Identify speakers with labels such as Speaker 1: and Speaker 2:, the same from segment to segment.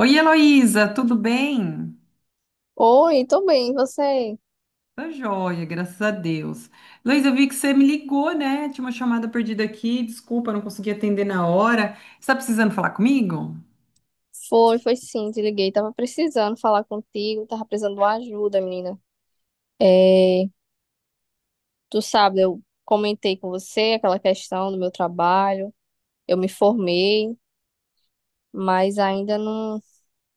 Speaker 1: Oi, Heloísa, tudo bem?
Speaker 2: Oi, tô bem, e você?
Speaker 1: Tá joia, graças a Deus. Heloísa, eu vi que você me ligou, né? Tinha uma chamada perdida aqui, desculpa, não consegui atender na hora. Você tá precisando falar comigo?
Speaker 2: Foi, foi sim, te liguei. Tava precisando falar contigo, tava precisando de uma ajuda, menina. É, tu sabe, eu comentei com você aquela questão do meu trabalho. Eu me formei, mas ainda não,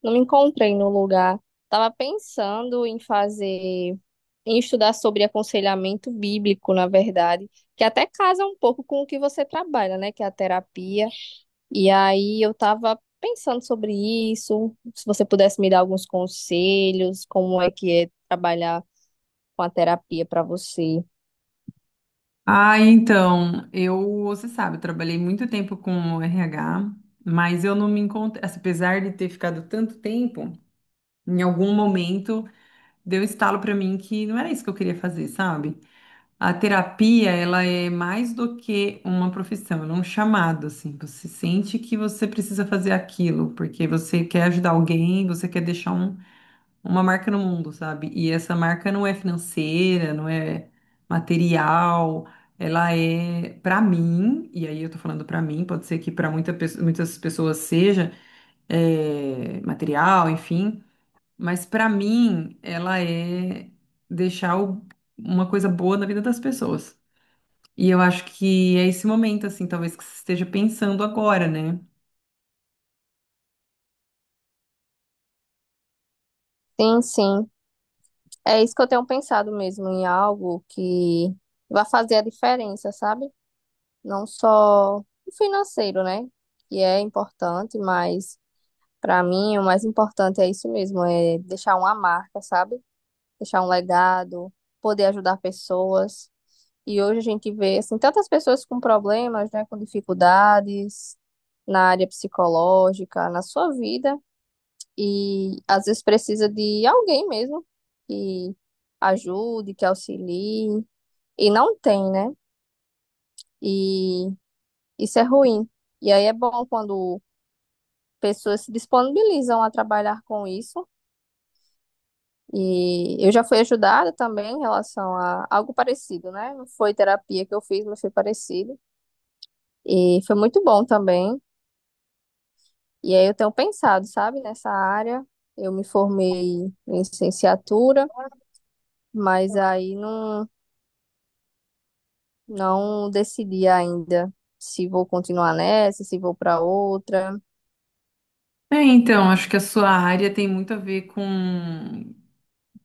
Speaker 2: não me encontrei no lugar. Tava pensando em fazer, em estudar sobre aconselhamento bíblico, na verdade, que até casa um pouco com o que você trabalha, né? Que é a terapia. E aí eu tava pensando sobre isso, se você pudesse me dar alguns conselhos, como é que é trabalhar com a terapia para você.
Speaker 1: Ah, então, eu, você sabe, eu trabalhei muito tempo com RH, mas eu não me encontrei, assim, apesar de ter ficado tanto tempo, em algum momento deu um estalo pra mim que não era isso que eu queria fazer, sabe? A terapia, ela é mais do que uma profissão, ela é um chamado, assim. Você sente que você precisa fazer aquilo, porque você quer ajudar alguém, você quer deixar uma marca no mundo, sabe? E essa marca não é financeira, não é material, ela é pra mim, e aí eu tô falando pra mim, pode ser que para muitas pessoas seja material, enfim, mas pra mim ela é deixar uma coisa boa na vida das pessoas. E eu acho que é esse momento, assim, talvez que você esteja pensando agora, né?
Speaker 2: Sim, sim. É isso que eu tenho pensado mesmo, em algo que vai fazer a diferença, sabe? Não só o financeiro, né? Que é importante, mas para mim o mais importante é isso mesmo, é deixar uma marca, sabe? Deixar um legado, poder ajudar pessoas. E hoje a gente vê assim, tantas pessoas com problemas, né, com dificuldades na área psicológica, na sua vida, e às vezes precisa de alguém mesmo que ajude, que auxilie, e não tem, né? E isso é ruim. E aí é bom quando pessoas se disponibilizam a trabalhar com isso. E eu já fui ajudada também em relação a algo parecido, né? Não foi terapia que eu fiz, mas foi parecido. E foi muito bom também. E aí eu tenho pensado, sabe, nessa área. Eu me formei em licenciatura, mas aí não, não decidi ainda se vou continuar nessa, se vou para outra.
Speaker 1: É, então, acho que a sua área tem muito a ver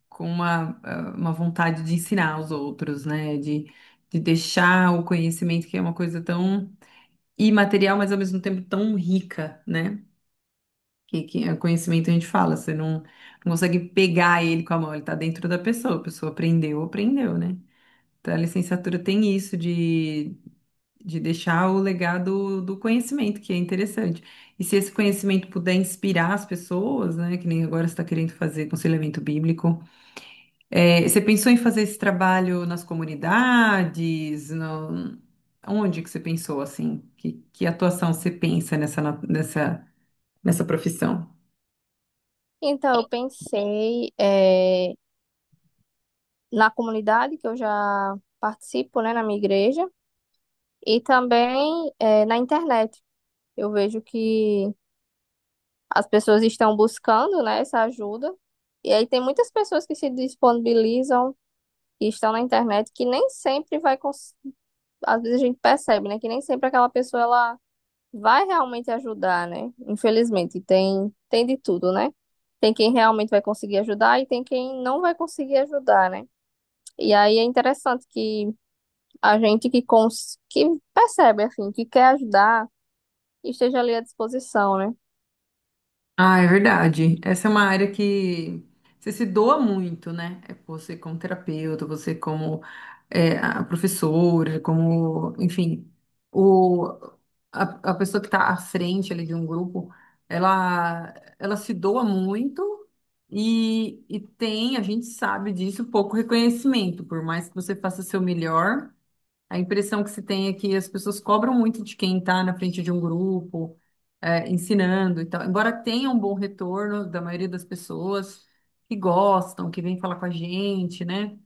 Speaker 1: com uma, uma vontade de ensinar os outros, né? De deixar o conhecimento, que é uma coisa tão imaterial, mas ao mesmo tempo tão rica, né? Que é conhecimento a gente fala, você não consegue pegar ele com a mão, ele tá dentro da pessoa, a pessoa aprendeu, aprendeu, né? Então a licenciatura tem isso de deixar o legado do conhecimento, que é interessante. E se esse conhecimento puder inspirar as pessoas, né, que nem agora você está querendo fazer aconselhamento bíblico, você pensou em fazer esse trabalho nas comunidades? No... Onde que você pensou assim? Que atuação você pensa nessa profissão?
Speaker 2: Então eu pensei na comunidade que eu já participo, né, na minha igreja, e também na internet. Eu vejo que as pessoas estão buscando, né, essa ajuda. E aí tem muitas pessoas que se disponibilizam que estão na internet que nem sempre vai, às vezes a gente percebe, né, que nem sempre aquela pessoa ela vai realmente ajudar, né? Infelizmente, tem de tudo, né? Tem quem realmente vai conseguir ajudar e tem quem não vai conseguir ajudar, né? E aí é interessante que a gente que percebe assim, que quer ajudar, esteja ali à disposição, né?
Speaker 1: Ah, é verdade. Essa é uma área que você se doa muito, né? É. Você como terapeuta, você como a professora, como, enfim, o, a pessoa que está à frente ali de um grupo, ela se doa muito e tem, a gente sabe disso, pouco reconhecimento. Por mais que você faça seu melhor, a impressão que se tem é que as pessoas cobram muito de quem está na frente de um grupo, ensinando e tal. Embora tenha um bom retorno da maioria das pessoas que gostam, que vem falar com a gente, né?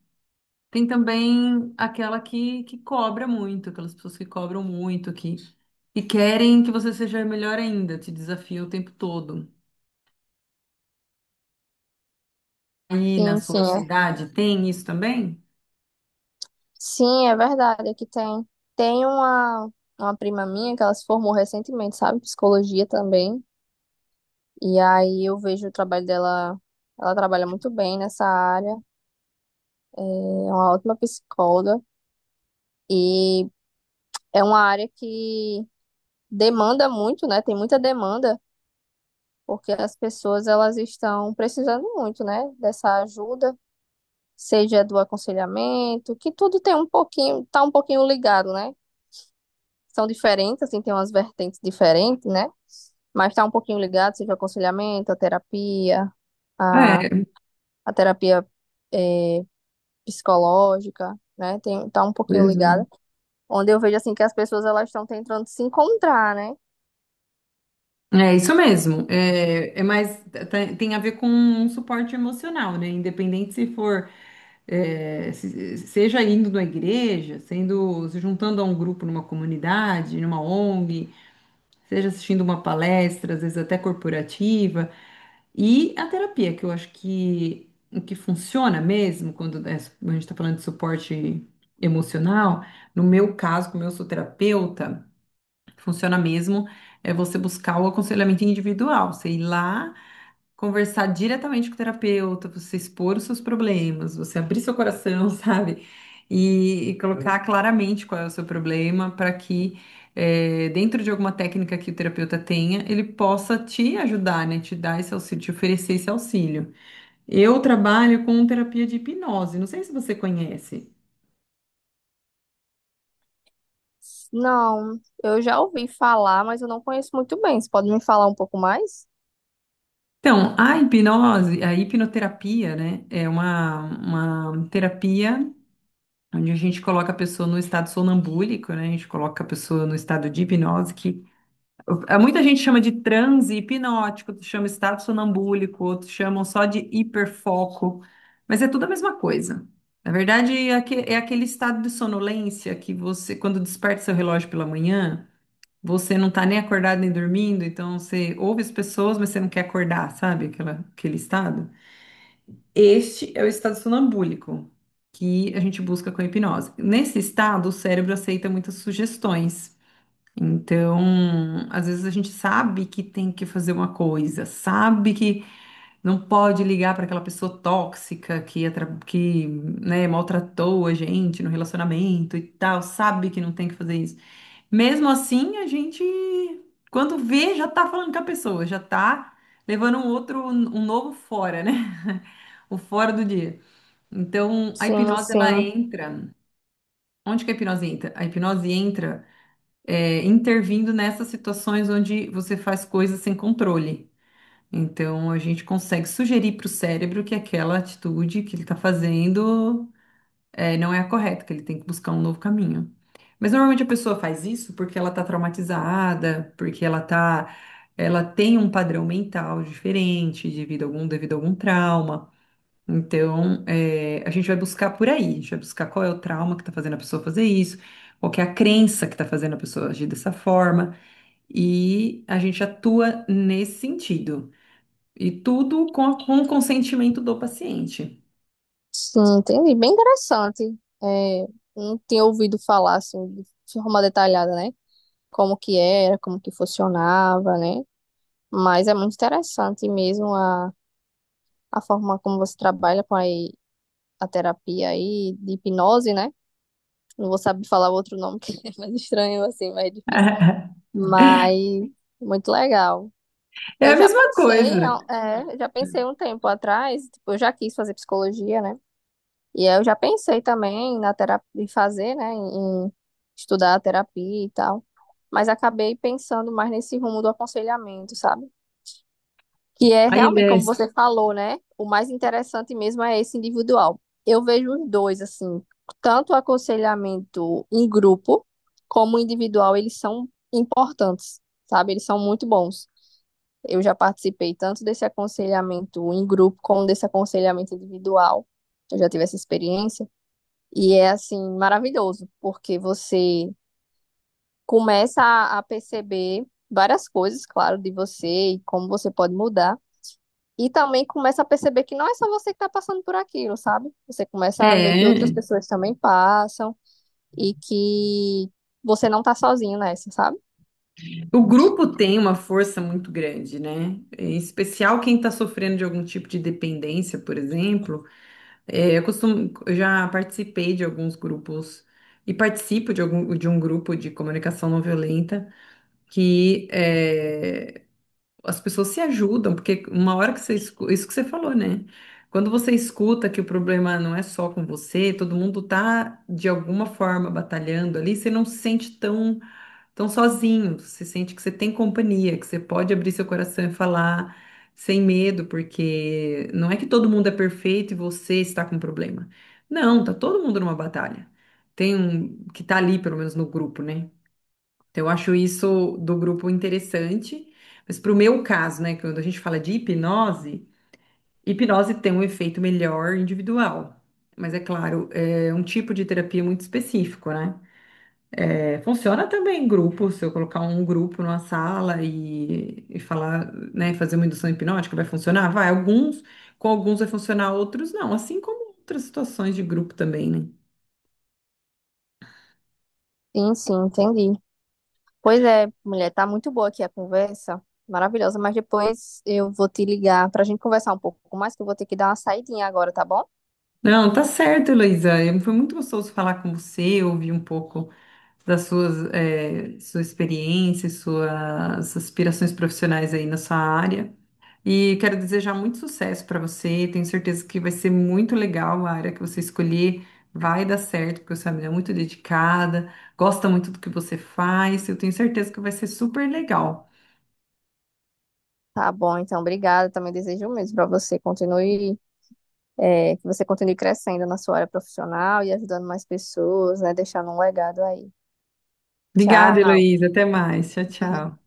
Speaker 1: Tem também aquela que cobra muito, aquelas pessoas que cobram muito, que querem que você seja melhor ainda, te desafia o tempo todo. Aí na
Speaker 2: Sim, sim,
Speaker 1: sua
Speaker 2: é.
Speaker 1: cidade tem isso também?
Speaker 2: Sim, é verdade, é que tem uma prima minha que ela se formou recentemente, sabe? Psicologia também. E aí eu vejo o trabalho dela, ela trabalha muito bem nessa área, é uma ótima psicóloga e é uma área que demanda muito, né? Tem muita demanda, porque as pessoas elas estão precisando muito, né, dessa ajuda, seja do aconselhamento, que tudo tem um pouquinho, tá um pouquinho ligado, né? São diferentes, assim, tem umas vertentes diferentes, né? Mas tá um pouquinho ligado, seja o aconselhamento, a,
Speaker 1: É,
Speaker 2: a terapia é, psicológica, né? Tem, tá um pouquinho
Speaker 1: pois é.
Speaker 2: ligada, onde eu vejo assim que as pessoas elas estão tentando se encontrar, né?
Speaker 1: É isso mesmo. É, é mais tem tem a ver com um suporte emocional, né? Independente se for seja indo na igreja, sendo se juntando a um grupo numa comunidade, numa ONG, seja assistindo uma palestra, às vezes até corporativa. E a terapia, que eu acho que o que funciona mesmo, quando é a gente está falando de suporte emocional, no meu caso, como eu sou terapeuta, funciona mesmo é você buscar o aconselhamento individual, você ir lá conversar diretamente com o terapeuta, você expor os seus problemas, você abrir seu coração, sabe? E colocar claramente qual é o seu problema para que, dentro de alguma técnica que o terapeuta tenha, ele possa te ajudar, né? Te dar esse auxílio, te oferecer esse auxílio. Eu trabalho com terapia de hipnose, não sei se você conhece.
Speaker 2: Não, eu já ouvi falar, mas eu não conheço muito bem. Você pode me falar um pouco mais?
Speaker 1: Então, a hipnose, a hipnoterapia, né, é uma terapia onde a gente coloca a pessoa no estado sonambúlico, né? A gente coloca a pessoa no estado de hipnose, que muita gente chama de transe hipnótico, outros chama estado sonambúlico, outros chamam só de hiperfoco, mas é tudo a mesma coisa. Na verdade, é é aquele estado de sonolência que você, quando desperta seu relógio pela manhã, você não tá nem acordado nem dormindo, então você ouve as pessoas, mas você não quer acordar, sabe? Aquela, aquele estado. Este é o estado sonambúlico que a gente busca com a hipnose. Nesse estado, o cérebro aceita muitas sugestões. Então, às vezes a gente sabe que tem que fazer uma coisa, sabe que não pode ligar para aquela pessoa tóxica que, né, maltratou a gente no relacionamento e tal, sabe que não tem que fazer isso. Mesmo assim, a gente, quando vê, já tá falando com a pessoa, já tá levando um outro, um novo fora, né? O fora do dia. Então, a
Speaker 2: Sim,
Speaker 1: hipnose ela
Speaker 2: sim,
Speaker 1: entra. Onde que a hipnose entra? A hipnose entra intervindo nessas situações onde você faz coisas sem controle. Então, a gente consegue sugerir para o cérebro que aquela atitude que ele está fazendo não é a correta, que ele tem que buscar um novo caminho. Mas normalmente a pessoa faz isso porque ela está traumatizada, porque ela tem um padrão mental diferente devido a devido a algum trauma. Então, a gente vai buscar por aí, a gente vai buscar qual é o trauma que está fazendo a pessoa fazer isso, qual que é a crença que está fazendo a pessoa agir dessa forma, e a gente atua nesse sentido. E tudo com o consentimento do paciente.
Speaker 2: sim, entendi. Bem interessante. É, não tinha ouvido falar assim de forma detalhada, né? Como que era, como que funcionava, né? Mas é muito interessante mesmo a forma como você trabalha com a terapia aí de hipnose, né? Não vou saber falar o outro nome, que é mais estranho, assim, mais difícil. Mas muito legal.
Speaker 1: É
Speaker 2: Eu
Speaker 1: a
Speaker 2: já
Speaker 1: mesma
Speaker 2: pensei,
Speaker 1: coisa.
Speaker 2: é, eu já pensei um tempo atrás, tipo, eu já quis fazer psicologia, né? E aí eu já pensei também na terapia, em fazer, né? Em estudar a terapia e tal. Mas acabei pensando mais nesse rumo do aconselhamento, sabe? Que é
Speaker 1: Aí ele
Speaker 2: realmente,
Speaker 1: é.
Speaker 2: como você falou, né? O mais interessante mesmo é esse individual. Eu vejo os dois, assim, tanto o aconselhamento em grupo como individual, eles são importantes, sabe? Eles são muito bons. Eu já participei tanto desse aconselhamento em grupo como desse aconselhamento individual. Eu já tive essa experiência. E é, assim, maravilhoso, porque você começa a perceber várias coisas, claro, de você e como você pode mudar. E também começa a perceber que não é só você que está passando por aquilo, sabe? Você começa a ver que outras
Speaker 1: É,
Speaker 2: pessoas também passam e que você não tá sozinho nessa, sabe?
Speaker 1: o grupo tem uma força muito grande, né? Em especial quem está sofrendo de algum tipo de dependência, por exemplo. É, eu costumo, eu já participei de alguns grupos e participo de um grupo de comunicação não violenta que é, as pessoas se ajudam, porque uma hora que você escuta, isso que você falou, né? Quando você escuta que o problema não é só com você, todo mundo tá de alguma forma batalhando ali, você não se sente tão sozinho, você sente que você tem companhia, que você pode abrir seu coração e falar sem medo, porque não é que todo mundo é perfeito e você está com um problema. Não, tá todo mundo numa batalha. Tem um que tá ali, pelo menos no grupo, né? Então, eu acho isso do grupo interessante. Mas para o meu caso, né, quando a gente fala de hipnose, hipnose tem um efeito melhor individual. Mas é claro, é um tipo de terapia muito específico, né? É, funciona também em grupo, se eu colocar um grupo numa sala e falar, né, fazer uma indução hipnótica, vai funcionar? Vai, alguns, com alguns vai funcionar, outros não, assim como outras situações de grupo também, né?
Speaker 2: Sim, sim, entendi. Pois é, mulher, tá muito boa aqui a conversa, maravilhosa, mas depois eu vou te ligar pra gente conversar um pouco mais, que eu vou ter que dar uma saidinha agora, tá bom?
Speaker 1: Não, tá certo, Heloísa. Eu- foi muito gostoso falar com você, ouvir um pouco das suas, sua experiência, suas aspirações profissionais aí na sua área. E quero desejar muito sucesso para você. Tenho certeza que vai ser muito legal a área que você escolher. Vai dar certo, porque você é uma mulher muito dedicada, gosta muito do que você faz. Eu tenho certeza que vai ser super legal.
Speaker 2: Tá bom, então, obrigada. Também desejo o mesmo pra você. Continue, é, que você continue crescendo na sua área profissional e ajudando mais pessoas, né? Deixando um legado aí.
Speaker 1: Obrigada,
Speaker 2: Tchau.
Speaker 1: Heloísa. Até mais. Tchau, tchau.